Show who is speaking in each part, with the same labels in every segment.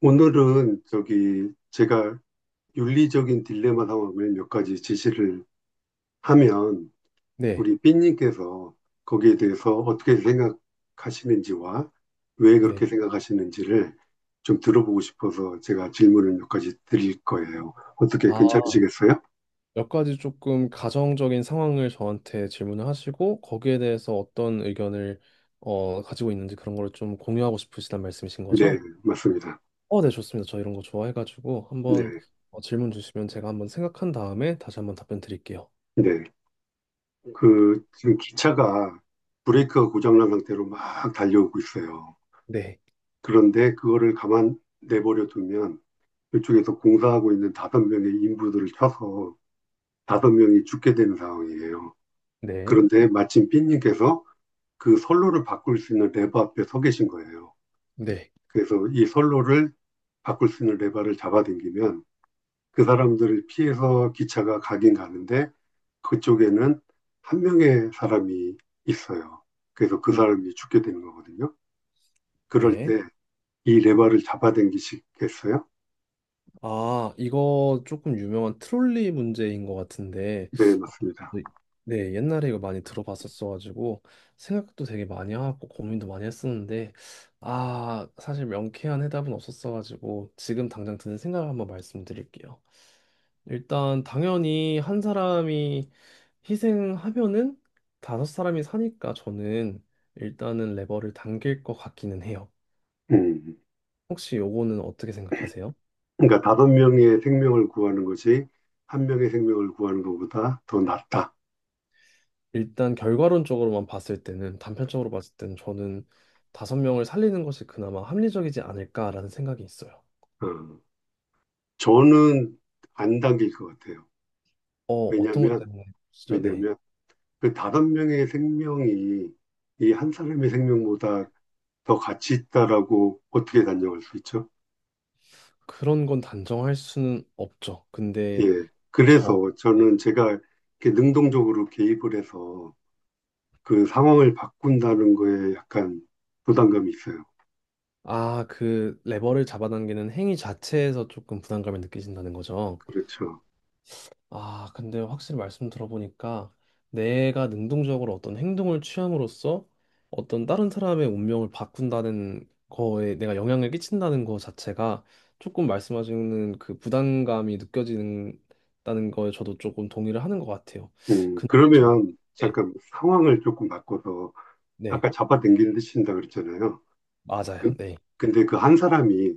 Speaker 1: 오늘은 저기 제가 윤리적인 딜레마 상황을 몇 가지 제시를 하면
Speaker 2: 네,
Speaker 1: 우리 삐님께서 거기에 대해서 어떻게 생각하시는지와 왜
Speaker 2: 네.
Speaker 1: 그렇게 생각하시는지를 좀 들어보고 싶어서 제가 질문을 몇 가지 드릴 거예요.
Speaker 2: 아,
Speaker 1: 어떻게 괜찮으시겠어요?
Speaker 2: 몇 가지 조금 가정적인 상황을 저한테 질문을 하시고 거기에 대해서 어떤 의견을 가지고 있는지 그런 걸 좀 공유하고 싶으시단 말씀이신
Speaker 1: 네,
Speaker 2: 거죠?
Speaker 1: 맞습니다.
Speaker 2: 어, 네, 좋습니다. 저 이런 거 좋아해가지고
Speaker 1: 네,
Speaker 2: 한번 질문 주시면 제가 한번 생각한 다음에 다시 한번 답변 드릴게요.
Speaker 1: 네. 그 지금 기차가 브레이크가 고장난 상태로 막 달려오고 있어요.
Speaker 2: 네,
Speaker 1: 그런데 그거를 가만 내버려 두면 그쪽에서 공사하고 있는 다섯 명의 인부들을 쳐서 다섯 명이 죽게 되는 상황이에요.
Speaker 2: 네,
Speaker 1: 그런데 마침 삐님께서 그 선로를 바꿀 수 있는 레버 앞에 서 계신 거예요.
Speaker 2: 네,
Speaker 1: 그래서 이 선로를 바꿀 수 있는 레버를 잡아당기면 그 사람들을 피해서 기차가 가긴 가는데 그쪽에는 한 명의 사람이 있어요. 그래서 그
Speaker 2: 네,
Speaker 1: 사람이 죽게 되는 거거든요. 그럴
Speaker 2: 네.
Speaker 1: 때 이 레버를 잡아당기시겠어요?
Speaker 2: 아, 이거 조금 유명한 트롤리 문제인 것 같은데,
Speaker 1: 네,
Speaker 2: 아,
Speaker 1: 맞습니다.
Speaker 2: 네, 네, 옛날에 이거 많이 들어봤었어가지고, 생각도 되게 많이 하고, 고민도 많이 했었는데, 아, 사실 명쾌한 해답은 없었어가지고, 지금 당장 드는 생각을 한번 말씀드릴게요. 일단, 당연히 한 사람이 희생하면은 다섯 사람이 사니까 저는 일단은 레버를 당길 것 같기는 해요.
Speaker 1: 음.
Speaker 2: 혹시 요거는 어떻게 생각하세요?
Speaker 1: 그러니까 다섯 명의 생명을 구하는 것이 한 명의 생명을 구하는 것보다 더 낫다.
Speaker 2: 일단 결과론적으로만 봤을 때는 단편적으로 봤을 때는 저는 다섯 명을 살리는 것이 그나마 합리적이지 않을까라는 생각이 있어요.
Speaker 1: 어. 저는 안 당길 것 같아요.
Speaker 2: 어, 어떤 것
Speaker 1: 왜냐하면
Speaker 2: 때문에 진짜 네.
Speaker 1: 왜냐하면 그 다섯 명의 생명이 이 한 사람의 생명보다 더 가치 있다라고 어떻게 단정할 수 있죠?
Speaker 2: 그런 건 단정할 수는 없죠. 근데
Speaker 1: 예. 그래서
Speaker 2: 저 네.
Speaker 1: 저는 제가 이렇게 능동적으로 개입을 해서 그 상황을 바꾼다는 거에 약간 부담감이 있어요.
Speaker 2: 아, 그 레버를 잡아당기는 행위 자체에서 조금 부담감을 느끼신다는 거죠.
Speaker 1: 그렇죠.
Speaker 2: 아, 근데 확실히 말씀 들어보니까 내가 능동적으로 어떤 행동을 취함으로써 어떤 다른 사람의 운명을 바꾼다는 거에 내가 영향을 끼친다는 거 자체가 조금 말씀하시는 그 부담감이 느껴지는다는 거에 저도 조금 동의를 하는 것 같아요. 근데 저,
Speaker 1: 그러면
Speaker 2: 네,
Speaker 1: 잠깐 상황을 조금 바꿔서
Speaker 2: 네,
Speaker 1: 아까 잡아당기는 데 친다 그랬잖아요.
Speaker 2: 맞아요.
Speaker 1: 그-
Speaker 2: 네.
Speaker 1: 근데 그 한 사람이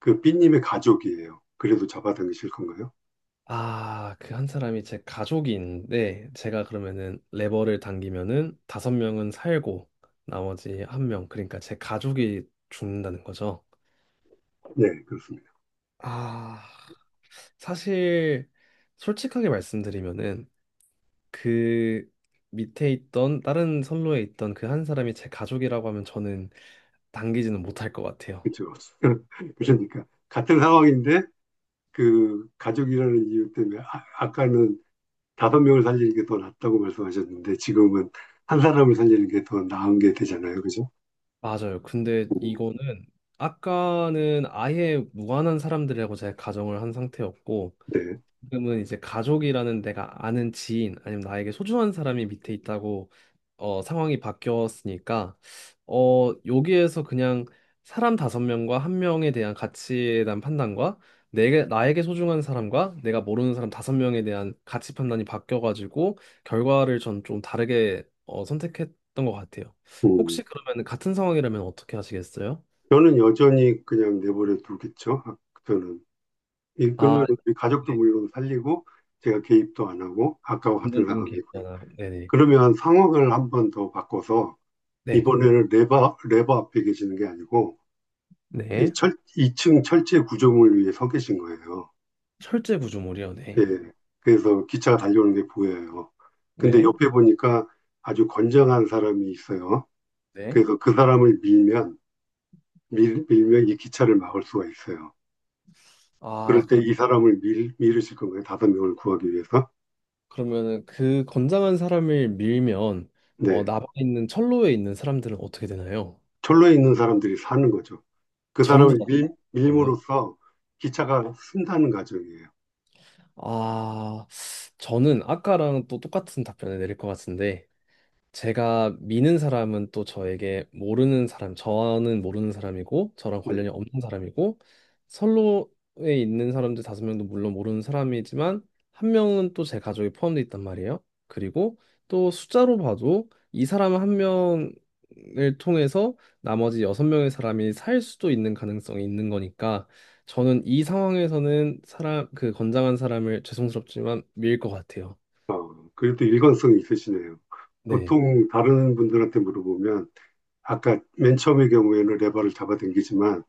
Speaker 1: 그 B님의 가족이에요. 그래도 잡아당기실 건가요?
Speaker 2: 아, 그 한 사람이 제 가족이 있는데 제가 그러면은 레버를 당기면은 다섯 명은 살고 나머지 한 명, 그러니까 제 가족이 죽는다는 거죠.
Speaker 1: 네, 그렇습니다.
Speaker 2: 아, 사실 솔직하게 말씀드리면은 그 밑에 있던 다른 선로에 있던 그 한 사람이 제 가족이라고 하면 저는 당기지는 못할 것 같아요.
Speaker 1: 그렇죠. 그러니까 같은 상황인데 그 가족이라는 이유 때문에 아, 까는 다섯 명을 살리는 게 더 낫다고 말씀하셨는데 지금은 한 사람을 살리는 게 더 나은 게 되잖아요. 그죠?
Speaker 2: 맞아요. 근데
Speaker 1: 음,
Speaker 2: 이거는 아까는 아예 무관한 사람들이라고 제가 가정을 한 상태였고
Speaker 1: 네.
Speaker 2: 지금은 이제 가족이라는 내가 아는 지인 아니면 나에게 소중한 사람이 밑에 있다고 상황이 바뀌었으니까 여기에서 그냥 사람 다섯 명과 한 명에 대한 가치에 대한 판단과 내게 나에게 소중한 사람과 내가 모르는 사람 다섯 명에 대한 가치 판단이 바뀌어가지고 결과를 전 좀 다르게 선택했던 것 같아요.
Speaker 1: 음.
Speaker 2: 혹시 그러면 같은 상황이라면 어떻게 하시겠어요?
Speaker 1: 저는 여전히 그냥 내버려 두겠죠. 아, 저는 이
Speaker 2: 아,
Speaker 1: 그러면 우리 가족도
Speaker 2: 네.
Speaker 1: 물론 살리고 제가 개입도 안 하고 아까와 같은
Speaker 2: 운동적인 게
Speaker 1: 상황이고요.
Speaker 2: 있거나 네네.
Speaker 1: 그러면 상황을 한번 더 바꿔서
Speaker 2: 네.
Speaker 1: 이번에는 레버 앞에 계시는 게 아니고
Speaker 2: 네.
Speaker 1: 2층 철제 구조물 위에 서 계신 거예요.
Speaker 2: 철제 구조물이요. 네.
Speaker 1: 예. 그래서 기차가 달려오는 게 보여요. 근데
Speaker 2: 네.
Speaker 1: 옆에 보니까 아주 건장한 사람이 있어요.
Speaker 2: 네.
Speaker 1: 그래서 그 사람을 밀면 이 기차를 막을 수가 있어요. 그럴
Speaker 2: 아,
Speaker 1: 때
Speaker 2: 그럼
Speaker 1: 이 사람을 밀으실 건가요? 다섯 명을 구하기 위해서?
Speaker 2: 그러면은 그 건장한 사람을 밀면
Speaker 1: 네.
Speaker 2: 남아 있는 철로에 있는 사람들은 어떻게 되나요?
Speaker 1: 철로에 있는 사람들이 사는 거죠. 그
Speaker 2: 전부
Speaker 1: 사람을
Speaker 2: 다
Speaker 1: 밀,
Speaker 2: 하나요?
Speaker 1: 밀므로써 기차가 쓴다는 과정이에요.
Speaker 2: 아, 저는 아까랑 또 똑같은 답변을 내릴 것 같은데 제가 미는 사람은 또 저에게 모르는 사람, 저는 모르는 사람이고, 저랑
Speaker 1: 네.
Speaker 2: 관련이 없는 사람이고, 선로에 있는 사람들 다섯 명도 물론 모르는 사람이지만, 한 명은 또 제 가족에 포함되어 있단 말이에요. 그리고 또 숫자로 봐도 이 사람 한 명을 통해서 나머지 여섯 명의 사람이 살 수도 있는 가능성이 있는 거니까, 저는 이 상황에서는 사람, 그 건장한 사람을 죄송스럽지만 밀 것 같아요.
Speaker 1: 그래도 일관성이 있으시네요.
Speaker 2: 네,
Speaker 1: 보통 다른 분들한테 물어보면 아까 맨 처음의 경우에는 레버를 잡아당기지만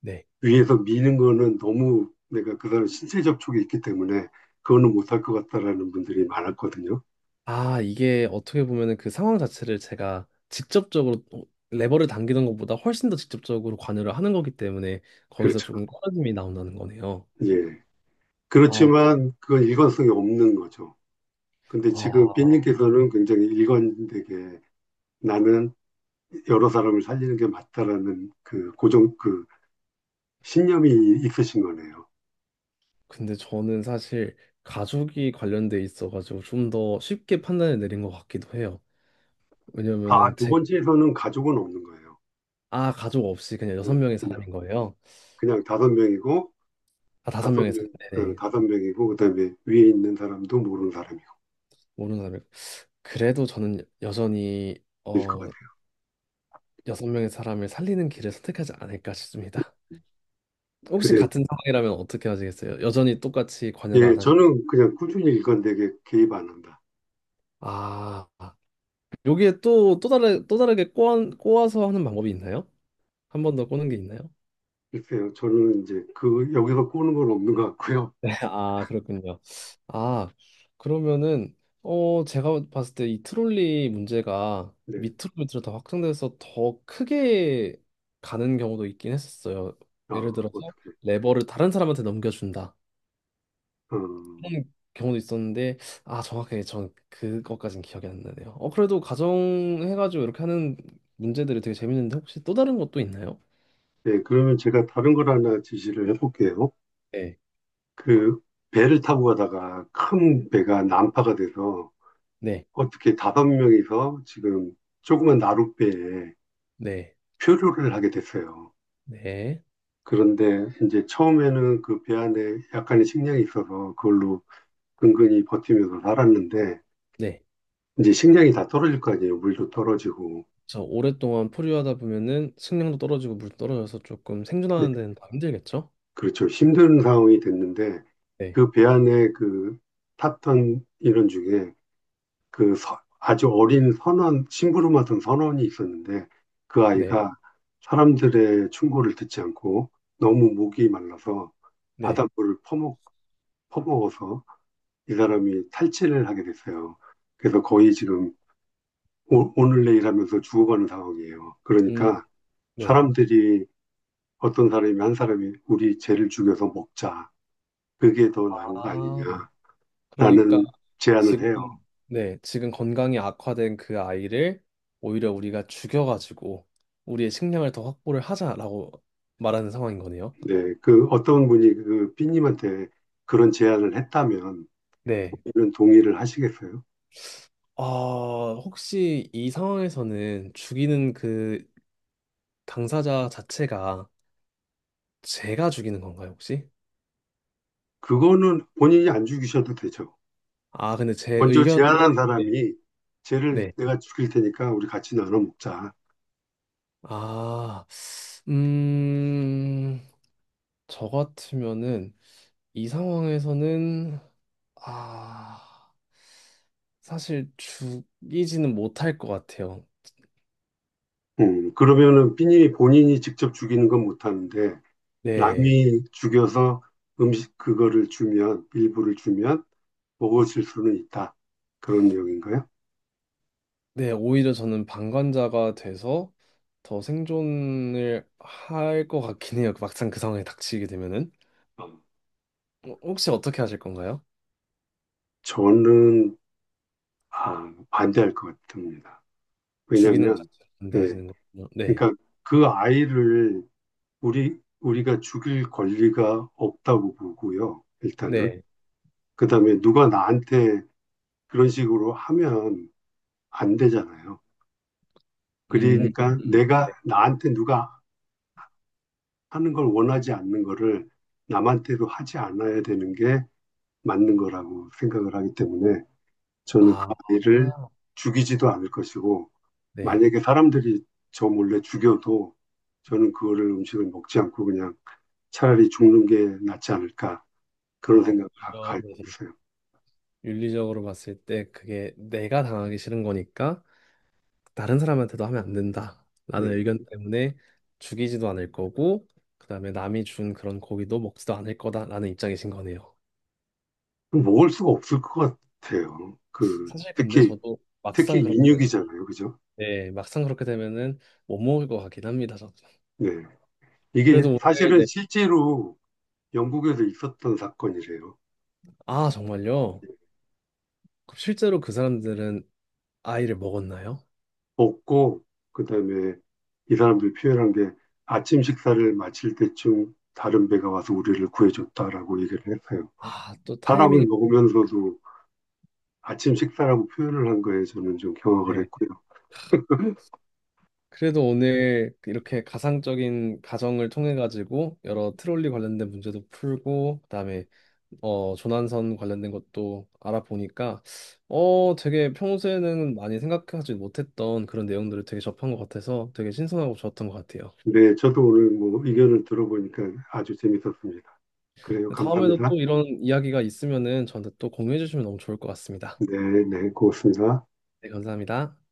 Speaker 2: 네.
Speaker 1: 위에서 미는 거는 너무 내가 그 사람 신체 접촉이 있기 때문에 그거는 못할 것 같다라는 분들이 많았거든요.
Speaker 2: 아, 이게 어떻게 보면은 그 상황 자체를 제가 직접적으로 레버를 당기는 것보다 훨씬 더 직접적으로 관여를 하는 거기 때문에 거기서
Speaker 1: 그렇죠.
Speaker 2: 조금 꺼짐이 나온다는 거네요.
Speaker 1: 예.
Speaker 2: 아,
Speaker 1: 그렇지만 그건 일관성이 없는 거죠. 근데 지금
Speaker 2: 아,
Speaker 1: 삐님께서는 굉장히 일관되게 나는 여러 사람을 살리는 게 맞다라는 그 고정 그 신념이 있으신 거네요.
Speaker 2: 근데 저는 사실 가족이 관련돼 있어가지고 좀 더 쉽게 판단을 내린 것 같기도 해요.
Speaker 1: 아,
Speaker 2: 왜냐면은
Speaker 1: 두
Speaker 2: 제,
Speaker 1: 번째에서는 가족은 없는 거예요.
Speaker 2: 아, 가족 없이 그냥 여섯
Speaker 1: 그-
Speaker 2: 명의
Speaker 1: 그냥
Speaker 2: 사람인 거예요.
Speaker 1: 그냥 다섯 명이고
Speaker 2: 아, 다섯
Speaker 1: 다섯
Speaker 2: 명의
Speaker 1: 명
Speaker 2: 사람,
Speaker 1: 어,
Speaker 2: 네네.
Speaker 1: 다섯 명이고 그다음에 위에 있는 사람도 모르는 사람이고
Speaker 2: 모르는 사람이. 그래도 저는 여전히,
Speaker 1: 일 것
Speaker 2: 어,
Speaker 1: 같아요.
Speaker 2: 여섯 명의 사람을 살리는 길을 선택하지 않을까 싶습니다. 혹시
Speaker 1: 그래요.
Speaker 2: 같은 상황이라면 어떻게 하시겠어요? 여전히 똑같이 관여를
Speaker 1: 예,
Speaker 2: 안 하실?
Speaker 1: 저는 그냥 꾸준히 일관되게 개입 안 한다.
Speaker 2: 아, 여기에 또, 또 다르게 꼬아서 하는 방법이 있나요? 한 번 더 꼬는 게 있나요?
Speaker 1: 글쎄요, 저는 이제 그 여기서 꼬는 건 없는 것 같고요.
Speaker 2: 네, 아, 그렇군요. 아, 그러면은, 어, 제가 봤을 때 이 트롤리 문제가
Speaker 1: 네,
Speaker 2: 밑으로 밑으로 더 확장돼서 더 크게 가는 경우도 있긴 했었어요.
Speaker 1: 어,
Speaker 2: 예를 들어서
Speaker 1: 어떻게?
Speaker 2: 레버를 다른 사람한테 넘겨준다.
Speaker 1: 어,
Speaker 2: 그런 경우도 있었는데 아 정확하게 전 그것까진 기억이 안 나네요. 어 그래도 가정 해가지고 이렇게 하는 문제들이 되게 재밌는데 혹시 또 다른 것도 있나요?
Speaker 1: 네, 그러면 제가 다른 걸 하나 지시를 해볼게요.
Speaker 2: 네,
Speaker 1: 그 배를 타고 가다가 큰 배가 난파가 돼서
Speaker 2: 네,
Speaker 1: 어떻게 다섯 명이서 지금 조그만 나룻배에
Speaker 2: 네,
Speaker 1: 표류를 하게 됐어요.
Speaker 2: 네,
Speaker 1: 그런데 이제 처음에는 그 배 안에 약간의 식량이 있어서 그걸로 근근히 버티면서 살았는데
Speaker 2: 네.
Speaker 1: 이제 식량이 다 떨어질 거 아니에요. 물도 떨어지고.
Speaker 2: 저 오랫동안 포류하다 보면은 식량도 떨어지고 물도 떨어져서 조금
Speaker 1: 예,
Speaker 2: 생존하는 데는 더 힘들겠죠?
Speaker 1: 그렇죠. 힘든 상황이 됐는데
Speaker 2: 네,
Speaker 1: 그 배 안에 그 탔던 인원 중에 아주 어린 선원, 심부름 맡은 선원이 있었는데 그
Speaker 2: 네,
Speaker 1: 아이가 사람들의 충고를 듣지 않고 너무 목이 말라서
Speaker 2: 네.
Speaker 1: 바닷물을 퍼먹, 퍼먹어서 이 사람이 탈진을 하게 됐어요. 그래서 거의
Speaker 2: 그렇죠.
Speaker 1: 지금 오늘 내일 하면서 죽어가는 상황이에요.
Speaker 2: 음,
Speaker 1: 그러니까
Speaker 2: 네.
Speaker 1: 사람들이 어떤 사람이 한 사람이 우리 죄를 죽여서 먹자. 그게 더 나은 거
Speaker 2: 아,
Speaker 1: 아니냐라는
Speaker 2: 그러니까
Speaker 1: 제안을
Speaker 2: 지금
Speaker 1: 해요.
Speaker 2: 네, 지금 건강이 악화된 그 아이를 오히려 우리가 죽여가지고 우리의 식량을 더 확보를 하자라고 말하는 상황인 거네요.
Speaker 1: 네, 그 어떤 분이 그 삐님한테 그런 제안을 했다면
Speaker 2: 네.
Speaker 1: 이런 동의를 하시겠어요?
Speaker 2: 아, 혹시 이 상황에서는 죽이는 그 당사자 자체가 제가 죽이는 건가요, 혹시?
Speaker 1: 그거는 본인이 안 죽이셔도 되죠.
Speaker 2: 아, 근데 제
Speaker 1: 먼저
Speaker 2: 의견
Speaker 1: 제안한
Speaker 2: 네.
Speaker 1: 사람이 쟤를
Speaker 2: 네.
Speaker 1: 내가 죽일 테니까 우리 같이 나눠 먹자.
Speaker 2: 아, 음, 저 같으면은 이 상황에서는 아, 사실 죽이지는 못할 것 같아요.
Speaker 1: 그러면은 삐님이 본인이 직접 죽이는 건 못하는데
Speaker 2: 네.
Speaker 1: 남이 죽여서 음식 그거를 주면 일부를 주면 먹어질 수는 있다. 그런 내용인가요?
Speaker 2: 네, 오히려 저는 방관자가 돼서 더 생존을 할 것 같긴 해요. 막상 그 상황에 닥치게 되면은. 어, 혹시 어떻게 하실 건가요?
Speaker 1: 저는 아, 반대할 것 같습니다.
Speaker 2: 죽이는 것
Speaker 1: 왜냐하면
Speaker 2: 자체를
Speaker 1: 예,
Speaker 2: 반대하시는 거군요. 네.
Speaker 1: 그러니까 그 아이를 우리가 죽일 권리가 없다고 보고요. 일단은
Speaker 2: 네.
Speaker 1: 그다음에 누가 나한테 그런 식으로 하면 안 되잖아요.
Speaker 2: 음.
Speaker 1: 그러니까
Speaker 2: 음,
Speaker 1: 내가
Speaker 2: 네.
Speaker 1: 나한테 누가 하는 걸 원하지 않는 거를 남한테도 하지 않아야 되는 게 맞는 거라고 생각을 하기 때문에 저는 그
Speaker 2: 아,
Speaker 1: 아이를 죽이지도 않을 것이고
Speaker 2: 네.
Speaker 1: 만약에 사람들이 저 몰래 죽여도 저는 그거를 음식을 먹지 않고 그냥 차라리 죽는 게 낫지 않을까 그런
Speaker 2: 아,
Speaker 1: 생각을
Speaker 2: 오히려
Speaker 1: 갖고
Speaker 2: 네.
Speaker 1: 있어요.
Speaker 2: 윤리적으로 봤을 때 그게 내가 당하기 싫은 거니까 다른 사람한테도 하면 안
Speaker 1: 네.
Speaker 2: 된다라는 의견 때문에 죽이지도 않을 거고 그다음에 남이 준 그런 고기도 먹지도 않을 거다라는 입장이신 거네요.
Speaker 1: 먹을 수가 없을 것 같아요. 그
Speaker 2: 사실 근데
Speaker 1: 특히
Speaker 2: 저도
Speaker 1: 특히
Speaker 2: 막상 그렇게 되면
Speaker 1: 인육이잖아요, 그죠?
Speaker 2: 네, 막상 그렇게 되면은 못 먹을 것 같긴 합니다. 저도.
Speaker 1: 네. 이게
Speaker 2: 그래도 오늘
Speaker 1: 사실은
Speaker 2: 네.
Speaker 1: 실제로 영국에서 있었던 사건이래요.
Speaker 2: 아, 정말요? 그럼 실제로 그 사람들은 아이를 먹었나요?
Speaker 1: 먹고 그다음에 이 사람들이 표현한 게 아침 식사를 마칠 때쯤 다른 배가 와서 우리를 구해줬다라고 얘기를 했어요.
Speaker 2: 아, 또
Speaker 1: 사람을
Speaker 2: 타이밍이
Speaker 1: 먹으면서도 아침 식사라고 표현을 한 거에 저는 좀 경악을
Speaker 2: 네.
Speaker 1: 했고요.
Speaker 2: 그래도 오늘 이렇게 가상적인 가정을 통해 가지고 여러 트롤리 관련된 문제도 풀고 그다음에 조난선 관련된 것도 알아보니까, 어, 되게 평소에는 많이 생각하지 못했던 그런 내용들을 되게 접한 것 같아서 되게 신선하고 좋았던 것 같아요.
Speaker 1: 네, 저도 오늘 뭐 의견을 들어보니까 아주 재밌었습니다. 그래요.
Speaker 2: 다음에도 또
Speaker 1: 감사합니다.
Speaker 2: 이런 이야기가 있으면은 저한테 또 공유해 주시면 너무 좋을 것 같습니다.
Speaker 1: 네, 네, 고맙습니다.
Speaker 2: 네, 감사합니다.